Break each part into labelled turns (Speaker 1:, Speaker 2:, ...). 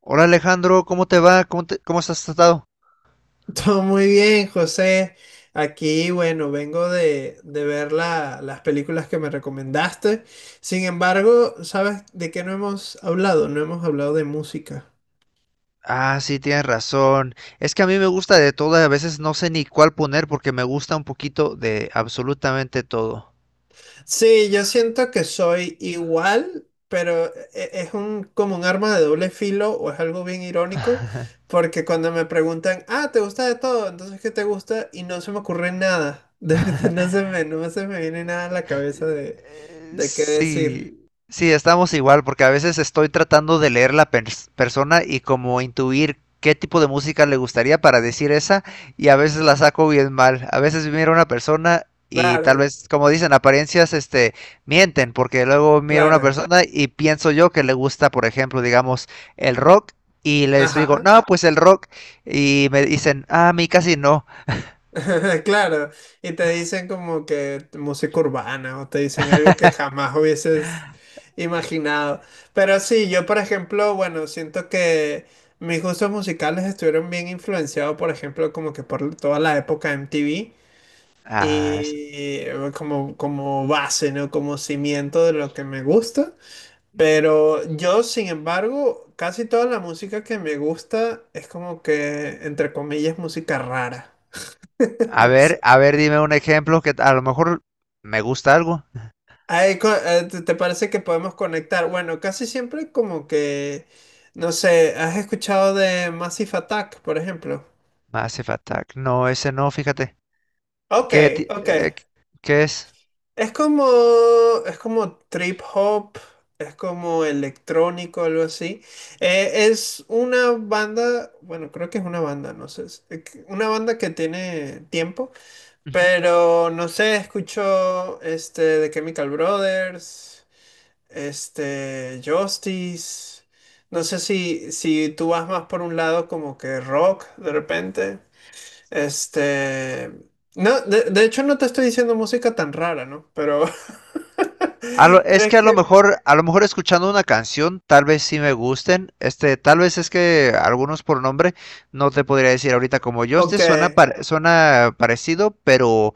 Speaker 1: Hola Alejandro, ¿cómo te va? ¿Cómo has estado?
Speaker 2: Todo muy bien, José. Aquí, bueno, vengo de ver las películas que me recomendaste. Sin embargo, ¿sabes de qué no hemos hablado? No hemos hablado de música.
Speaker 1: Ah, sí, tienes razón. Es que a mí me gusta de todo, y a veces no sé ni cuál poner porque me gusta un poquito de absolutamente todo.
Speaker 2: Sí, yo siento que soy igual, pero como un arma de doble filo o es algo bien irónico, porque cuando me preguntan, ah, ¿te gusta de todo? Entonces, ¿qué te gusta? Y no se me ocurre nada. De verdad, no se me viene nada a la cabeza de, de qué decir.
Speaker 1: Sí, sí, estamos igual, porque a veces estoy tratando de leer la persona y como intuir qué tipo de música le gustaría para decir esa, y a veces la saco bien mal. A veces miro a una persona y tal
Speaker 2: Claro.
Speaker 1: vez, como dicen, apariencias, mienten, porque luego miro a una
Speaker 2: Claro,
Speaker 1: persona y pienso yo que le gusta, por ejemplo, digamos, el rock, y les digo,
Speaker 2: ajá.
Speaker 1: no, pues el rock, y me dicen, ah, a mí casi no.
Speaker 2: Claro, y te dicen como que música urbana o te dicen algo que jamás hubieses imaginado. Pero sí, yo, por ejemplo, bueno, siento que mis gustos musicales estuvieron bien influenciados, por ejemplo, como que por toda la época MTV
Speaker 1: Ah, s-
Speaker 2: y como base, ¿no? Como cimiento de lo que me gusta. Pero yo, sin embargo, casi toda la música que me gusta es como que, entre comillas, música rara.
Speaker 1: a
Speaker 2: No
Speaker 1: ver,
Speaker 2: sé.
Speaker 1: a ver, dime un ejemplo que a lo mejor me gusta algo.
Speaker 2: Te parece que podemos conectar? Bueno, casi siempre como que, no sé, ¿has escuchado de Massive Attack, por ejemplo?
Speaker 1: Massive Attack. No, ese no, fíjate.
Speaker 2: Ok,
Speaker 1: ¿Qué, ti-
Speaker 2: ok.
Speaker 1: eh, ¿Qué es?
Speaker 2: Es como, es como trip hop, es como electrónico, algo así. Es una banda, bueno, creo que es una banda, no sé, una banda que tiene tiempo,
Speaker 1: Ujú.
Speaker 2: pero no sé, escucho este de Chemical Brothers. Este, Justice. No sé si tú vas más por un lado como que rock de repente. Este, no, de hecho no te estoy diciendo música tan rara, ¿no? Pero
Speaker 1: Es que
Speaker 2: es que,
Speaker 1: a lo mejor escuchando una canción, tal vez sí me gusten. Este, tal vez es que algunos por nombre no te podría decir ahorita como Justice
Speaker 2: ok.
Speaker 1: suena suena parecido, pero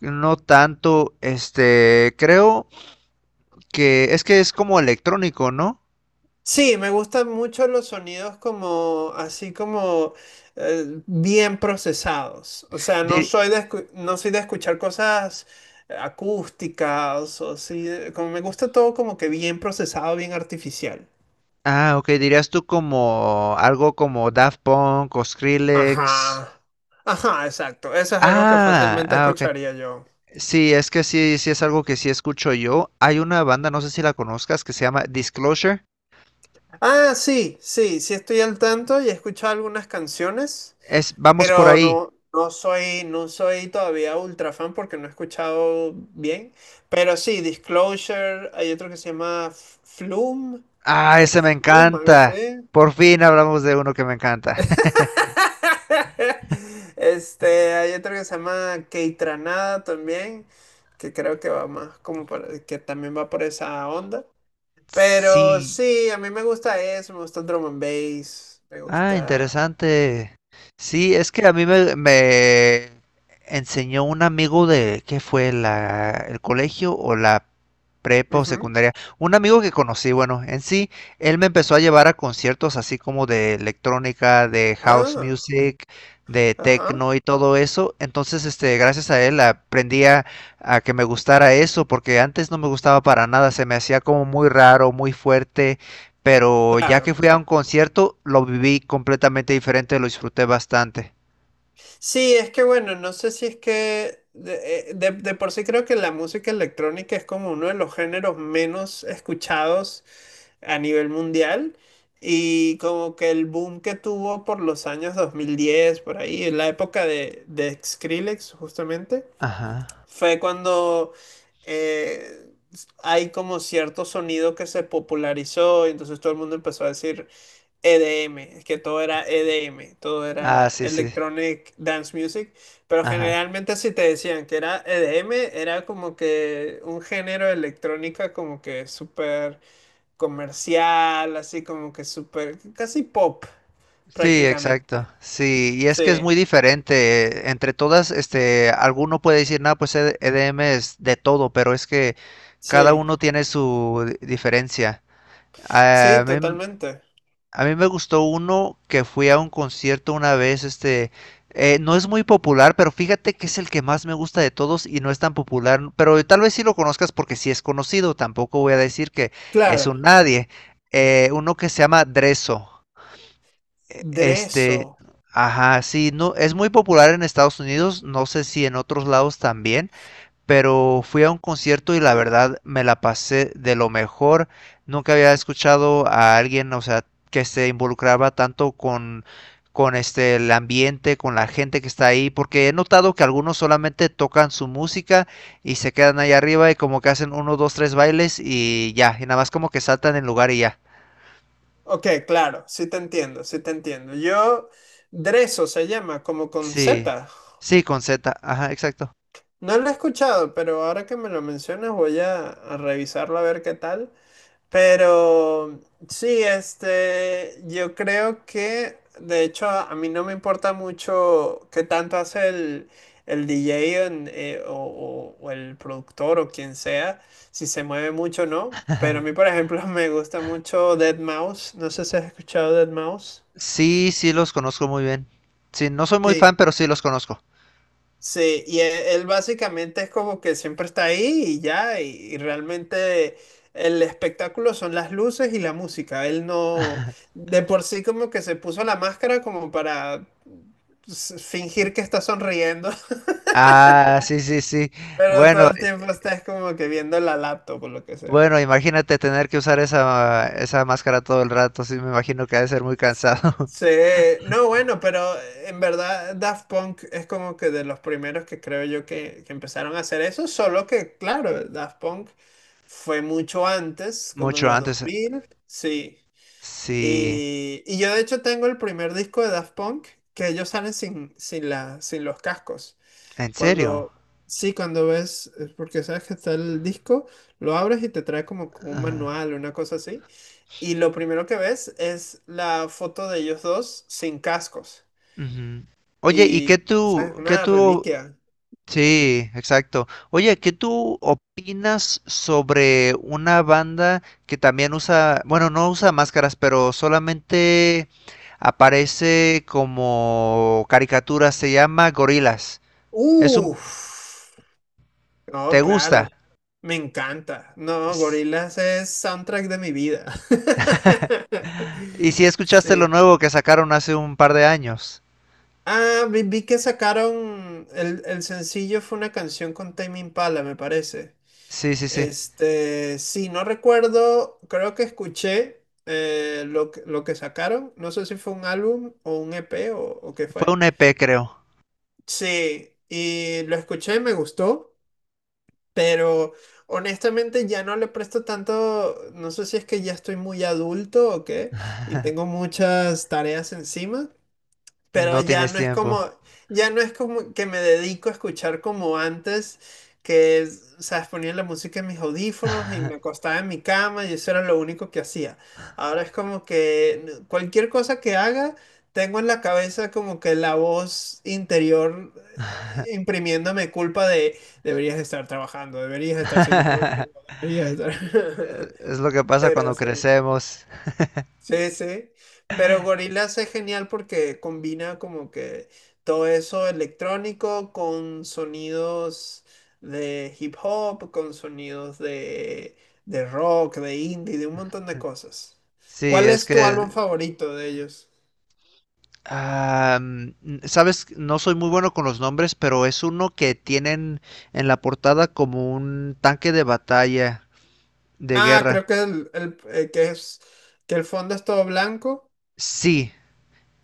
Speaker 1: no tanto. Este, creo que es como electrónico, ¿no?
Speaker 2: Sí, me gustan mucho los sonidos como, así como bien procesados. O sea, no
Speaker 1: Dir-
Speaker 2: soy de, escu- no soy de escuchar cosas acústicas o así. Como me gusta todo como que bien procesado, bien artificial.
Speaker 1: ok, dirías tú como algo como Daft Punk o Skrillex.
Speaker 2: Ajá. Ajá, exacto. Eso es algo que
Speaker 1: Ah,
Speaker 2: fácilmente
Speaker 1: ah, ok.
Speaker 2: escucharía yo.
Speaker 1: Sí, es que sí, sí es algo que sí escucho yo. Hay una banda, no sé si la conozcas, que se llama Disclosure.
Speaker 2: Ah, sí, sí, sí estoy al tanto y he escuchado algunas canciones.
Speaker 1: Es vamos por
Speaker 2: Pero
Speaker 1: ahí.
Speaker 2: no, no soy todavía ultra fan porque no he escuchado bien. Pero sí, Disclosure, hay otro que se llama Flume
Speaker 1: Ah,
Speaker 2: o
Speaker 1: ese me
Speaker 2: Flume, algo así.
Speaker 1: encanta. Por fin hablamos de uno que me encanta.
Speaker 2: Este, hay otro que se llama Keitranada también, que creo que va más como que también va por esa onda. Pero
Speaker 1: Sí,
Speaker 2: sí, a mí me gusta eso, me gusta el drum and bass, me
Speaker 1: ah,
Speaker 2: gusta.
Speaker 1: interesante. Sí, es que a mí me enseñó un amigo de, ¿qué fue? La, el colegio o la prepa o
Speaker 2: Ujú.
Speaker 1: secundaria. Un amigo que conocí, bueno, en sí, él me empezó a llevar a conciertos así como de electrónica, de house
Speaker 2: Ah,
Speaker 1: music, de
Speaker 2: ajá,
Speaker 1: techno y todo eso. Entonces, este, gracias a él aprendí a que me gustara eso, porque antes no me gustaba para nada, se me hacía como muy raro, muy fuerte, pero ya que
Speaker 2: claro.
Speaker 1: fui a un concierto, lo viví completamente diferente, lo disfruté bastante.
Speaker 2: Sí, es que bueno, no sé si es que de por sí creo que la música electrónica es como uno de los géneros menos escuchados a nivel mundial y como que el boom que tuvo por los años 2010 por ahí, en la época de Skrillex justamente,
Speaker 1: Ajá.
Speaker 2: fue cuando eh, hay como cierto sonido que se popularizó y entonces todo el mundo empezó a decir, EDM, es que todo era EDM, todo
Speaker 1: Ah,
Speaker 2: era
Speaker 1: sí, sí.
Speaker 2: Electronic Dance Music, pero
Speaker 1: Ajá.
Speaker 2: generalmente si te decían que era EDM, era como que un género de electrónica como que súper comercial, así como que súper, casi pop
Speaker 1: Sí, exacto.
Speaker 2: prácticamente.
Speaker 1: Sí, y es
Speaker 2: Sí,
Speaker 1: que es muy diferente. Entre todas, este, alguno puede decir, no, pues EDM es de todo, pero es que cada
Speaker 2: sí,
Speaker 1: uno tiene su diferencia. A
Speaker 2: sí,
Speaker 1: mí
Speaker 2: totalmente.
Speaker 1: A mí me gustó uno que fui a un concierto una vez, no es muy popular, pero fíjate que es el que más me gusta de todos y no es tan popular, pero tal vez sí lo conozcas porque sí es conocido, tampoco voy a decir que es
Speaker 2: Claro,
Speaker 1: un nadie. Uno que se llama Dreso. e-
Speaker 2: Dreso.
Speaker 1: Este, ajá, sí, no, es muy popular en Estados Unidos, no sé si en otros lados también, pero fui a un concierto y la
Speaker 2: Mm,
Speaker 1: verdad me la pasé de lo mejor. Nunca había escuchado a alguien, o sea, que se involucraba tanto con este, el ambiente, con la gente que está ahí, porque he notado que algunos solamente tocan su música y se quedan ahí arriba y como que hacen uno, dos, tres bailes y ya, y nada más como que saltan en lugar y ya.
Speaker 2: ok, claro, sí te entiendo, sí te entiendo. Dreso se llama como con
Speaker 1: Sí,
Speaker 2: Z.
Speaker 1: sí, con Z, ajá, exacto.
Speaker 2: No lo he escuchado, pero ahora que me lo mencionas voy a revisarlo a ver qué tal. Pero sí, este, yo creo que, de hecho, a mí no me importa mucho qué tanto hace el DJ, o el productor o quien sea, si se mueve mucho o no. Pero a mí, por ejemplo, me gusta mucho Dead Mouse. No sé si has escuchado Dead Mouse.
Speaker 1: Sí, sí, los conozco muy bien. Sí, no soy muy fan, pero sí los conozco.
Speaker 2: Sí, y él, básicamente es como que siempre está ahí y ya, y realmente el espectáculo son las luces y la música. Él no, de por sí como que se puso la máscara como para fingir que está sonriendo.
Speaker 1: Ah, sí, sí, sí.
Speaker 2: Pero todo
Speaker 1: Bueno,
Speaker 2: el tiempo estás como que viendo la laptop o lo que sea.
Speaker 1: Bueno, imagínate tener que usar esa máscara todo el rato, sí, me imagino que ha de ser muy cansado.
Speaker 2: Sí, no, bueno, pero en verdad Daft Punk es como que de los primeros que creo yo que empezaron a hacer eso, solo que, claro, Daft Punk fue mucho antes, como en
Speaker 1: Mucho
Speaker 2: los dos
Speaker 1: antes.
Speaker 2: mil, sí.
Speaker 1: Sí,
Speaker 2: Y yo de hecho tengo el primer disco de Daft Punk, que ellos salen sin los cascos.
Speaker 1: en serio.
Speaker 2: Cuando, sí, cuando ves, es porque sabes que está el disco, lo abres y te trae como con un
Speaker 1: Ajá.
Speaker 2: manual, una cosa así. Y lo primero que ves es la foto de ellos dos sin cascos.
Speaker 1: Ujú. Oye, ¿y
Speaker 2: Y, o sea, es
Speaker 1: qué
Speaker 2: una
Speaker 1: tú,
Speaker 2: reliquia.
Speaker 1: Sí, exacto. Oye, ¿qué tú opinas sobre una banda que también usa, bueno, no usa máscaras, pero solamente aparece como caricatura, se llama Gorilas. Es un,
Speaker 2: Uff, no,
Speaker 1: ¿te gusta?
Speaker 2: claro, me encanta. No, Gorillaz es soundtrack de mi vida.
Speaker 1: ¿Y si escuchaste lo
Speaker 2: Sí.
Speaker 1: nuevo que sacaron hace un par de años?
Speaker 2: Ah, vi que sacaron el sencillo, fue una canción con Tame Impala, me parece.
Speaker 1: Sí, sí, sí.
Speaker 2: Este, sí, no recuerdo, creo que escuché lo que sacaron, no sé si fue un álbum o un EP o qué
Speaker 1: Fue
Speaker 2: fue.
Speaker 1: un EP, creo.
Speaker 2: Sí, y lo escuché, me gustó, pero honestamente ya no le presto tanto, no sé si es que ya estoy muy adulto o qué, y tengo muchas tareas encima, pero
Speaker 1: No
Speaker 2: ya
Speaker 1: tienes
Speaker 2: no es
Speaker 1: tiempo.
Speaker 2: como, ya no es como que me dedico a escuchar como antes, que, es, sabes, ponía la música en mis audífonos y me acostaba en mi cama y eso era lo único que hacía. Ahora es como que cualquier cosa que haga, tengo en la cabeza como que la voz interior imprimiéndome culpa de deberías estar trabajando, deberías estar siendo productivo, deberías estar...
Speaker 1: Es lo que pasa
Speaker 2: Pero
Speaker 1: cuando
Speaker 2: sí.
Speaker 1: crecemos.
Speaker 2: Sí, sí. Pero Gorillaz es genial porque combina como que todo eso electrónico con sonidos de hip hop, con sonidos de rock, de indie, de un montón de cosas.
Speaker 1: Sí,
Speaker 2: ¿Cuál
Speaker 1: es
Speaker 2: es tu
Speaker 1: que,
Speaker 2: álbum favorito de ellos?
Speaker 1: am, sabes, no soy muy bueno con los nombres, pero es uno que tienen en la portada como un tanque de batalla de
Speaker 2: Ah,
Speaker 1: guerra.
Speaker 2: creo que que es que el fondo es todo blanco.
Speaker 1: Sí,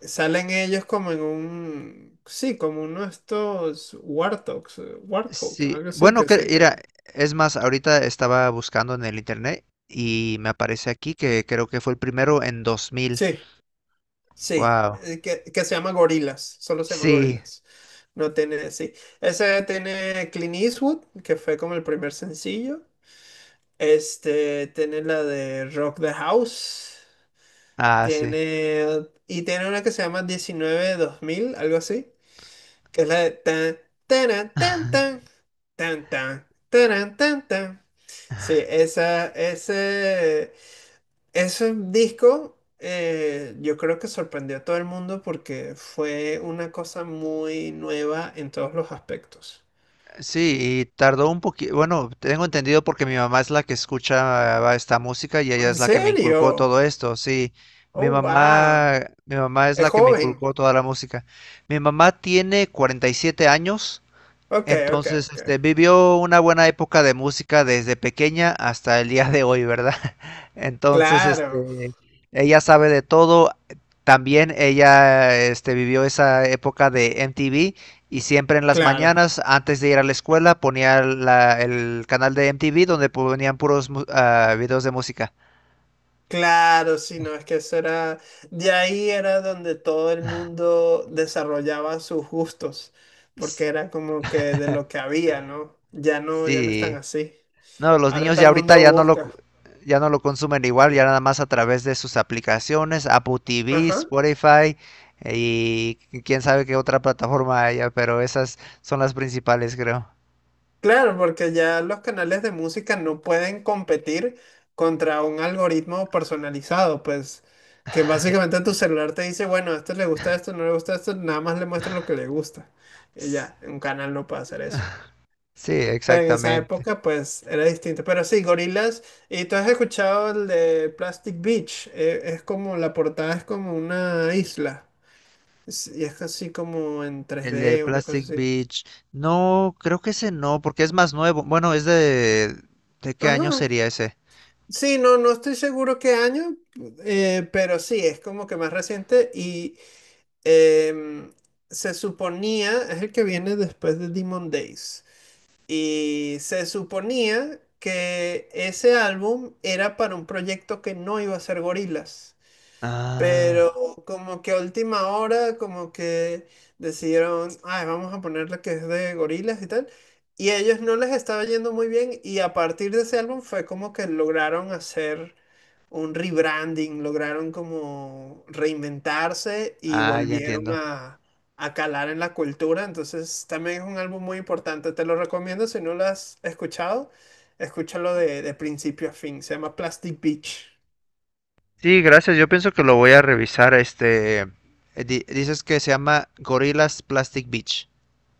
Speaker 2: Salen ellos como en un, sí, como uno de estos warthogs, warthog,
Speaker 1: sí,
Speaker 2: algo así,
Speaker 1: bueno,
Speaker 2: que
Speaker 1: que
Speaker 2: sé
Speaker 1: era,
Speaker 2: que.
Speaker 1: es más, ahorita estaba buscando en el internet y me aparece aquí que creo que fue el primero en 2000.
Speaker 2: Sí. Sí,
Speaker 1: Wow.
Speaker 2: que se llama Gorilas, solo se llama
Speaker 1: Sí,
Speaker 2: Gorilas. No tiene, sí. Ese tiene Clint Eastwood, que fue como el primer sencillo. Este, tiene la de Rock the House.
Speaker 1: ah, sí.
Speaker 2: Tiene una que se llama 19-2000, algo así, que es la de tan, taran, tan, tan, tan, tan, taran, tan, tan. Sí, Ese disco, yo creo que sorprendió a todo el mundo porque fue una cosa muy nueva en todos los aspectos.
Speaker 1: Sí, y tardó un poquito, bueno, tengo entendido porque mi mamá es la que escucha esta música y ella
Speaker 2: ¿En
Speaker 1: es la que me
Speaker 2: serio?
Speaker 1: inculcó todo esto, sí. Mi
Speaker 2: Oh, wow.
Speaker 1: mamá, mi mamá es
Speaker 2: Es
Speaker 1: la que me
Speaker 2: joven.
Speaker 1: inculcó toda la música. Mi mamá tiene 47 años.
Speaker 2: Ok, ok,
Speaker 1: Entonces,
Speaker 2: ok.
Speaker 1: este, vivió una buena época de música desde pequeña hasta el día de hoy, ¿verdad? Entonces,
Speaker 2: Claro,
Speaker 1: este, ella sabe de todo. También ella, este, vivió esa época de MTV y siempre en las
Speaker 2: claro,
Speaker 1: mañanas, antes de ir a la escuela, ponía el canal de MTV donde ponían puros videos de música.
Speaker 2: claro, sí, no, es que eso era, de ahí era donde todo el mundo desarrollaba sus gustos,
Speaker 1: S-
Speaker 2: porque era como que de lo que había, ¿no? Ya no, ya no están
Speaker 1: Sí.
Speaker 2: así.
Speaker 1: No, los
Speaker 2: Ahora
Speaker 1: niños
Speaker 2: todo
Speaker 1: ya
Speaker 2: el
Speaker 1: ahorita
Speaker 2: mundo
Speaker 1: ya
Speaker 2: busca.
Speaker 1: ya no lo consumen igual, ya nada más a través de sus aplicaciones, Apple TV,
Speaker 2: Ajá.
Speaker 1: Spotify, y quién sabe qué otra plataforma haya, pero esas son las principales, creo.
Speaker 2: Claro, porque ya los canales de música no pueden competir contra un algoritmo personalizado, pues que básicamente tu celular te dice, bueno, a este le gusta esto, no le gusta esto, nada más le muestro lo que le gusta. Y
Speaker 1: S-
Speaker 2: ya, un canal no puede hacer eso.
Speaker 1: Sí,
Speaker 2: Pero en esa
Speaker 1: exactamente.
Speaker 2: época, pues era distinto. Pero sí, gorilas. Y tú, ¿has escuchado el de Plastic Beach? Es como, la portada es como una isla. Y es así como en tres
Speaker 1: El de
Speaker 2: d una cosa
Speaker 1: Plastic
Speaker 2: así.
Speaker 1: Beach. No, creo que ese no, porque es más nuevo. Bueno, es de... ¿De qué año
Speaker 2: Ajá.
Speaker 1: sería ese?
Speaker 2: Sí, no, no estoy seguro qué año, pero sí, es como que más reciente y em, se suponía, es el que viene después de Demon Days, y se suponía que ese álbum era para un proyecto que no iba a ser gorilas, pero
Speaker 1: Ah,
Speaker 2: como que a última hora, como que decidieron, ay, vamos a ponerle que es de gorilas y tal. Y a ellos no les estaba yendo muy bien y a partir de ese álbum fue como que lograron hacer un rebranding, lograron como reinventarse y
Speaker 1: ah, ya
Speaker 2: volvieron
Speaker 1: entiendo.
Speaker 2: a calar en la cultura. Entonces también es un álbum muy importante, te lo recomiendo, si no lo has escuchado, escúchalo de principio a fin, se llama Plastic Beach.
Speaker 1: Sí, gracias. Yo pienso que lo voy a revisar. Este, dices que se llama Gorillaz Plastic Beach.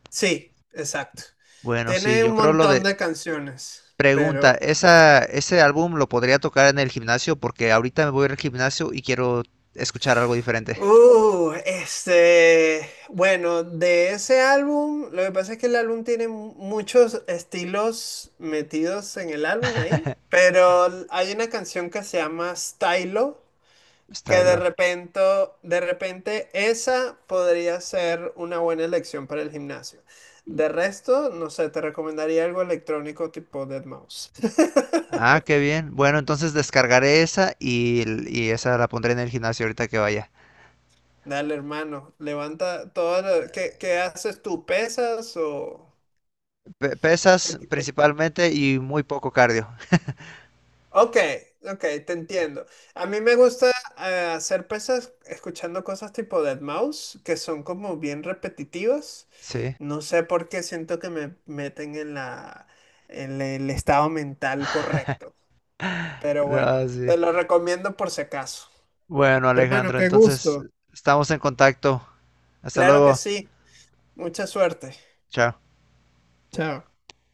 Speaker 2: Sí, exacto.
Speaker 1: Bueno, sí,
Speaker 2: Tiene
Speaker 1: yo
Speaker 2: un
Speaker 1: creo lo de...
Speaker 2: montón de canciones,
Speaker 1: Pregunta,
Speaker 2: pero...
Speaker 1: ¿esa, ese álbum lo podría tocar en el gimnasio? Porque ahorita me voy a ir al gimnasio y quiero escuchar algo diferente.
Speaker 2: Este... Bueno, de ese álbum, lo que pasa es que el álbum tiene muchos estilos metidos en el álbum ahí, pero hay una canción que se llama Stylo, que
Speaker 1: Stylo.
Speaker 2: de repente esa podría ser una buena elección para el gimnasio. De resto, no sé, te recomendaría algo electrónico tipo deadmau5.
Speaker 1: Ah, qué bien. Bueno, entonces descargaré esa y esa la pondré en el gimnasio ahorita que vaya.
Speaker 2: Dale, hermano, levanta todo lo... ¿Qué haces tú? ¿Pesas o...? qué
Speaker 1: Pesas
Speaker 2: te- qué-
Speaker 1: principalmente y muy poco cardio.
Speaker 2: Ok, ok, te entiendo. A mí me gusta hacer pesas escuchando cosas tipo Deadmau5, que son como bien repetitivas.
Speaker 1: Sí.
Speaker 2: No sé por qué siento que me meten en la, en el estado mental correcto. Pero bueno,
Speaker 1: Ah, sí.
Speaker 2: te lo recomiendo por si acaso.
Speaker 1: Bueno,
Speaker 2: Hermano,
Speaker 1: Alejandro,
Speaker 2: qué
Speaker 1: entonces
Speaker 2: gusto.
Speaker 1: estamos en contacto. Hasta
Speaker 2: Claro que
Speaker 1: luego.
Speaker 2: sí. Mucha suerte.
Speaker 1: Chao.
Speaker 2: Chao.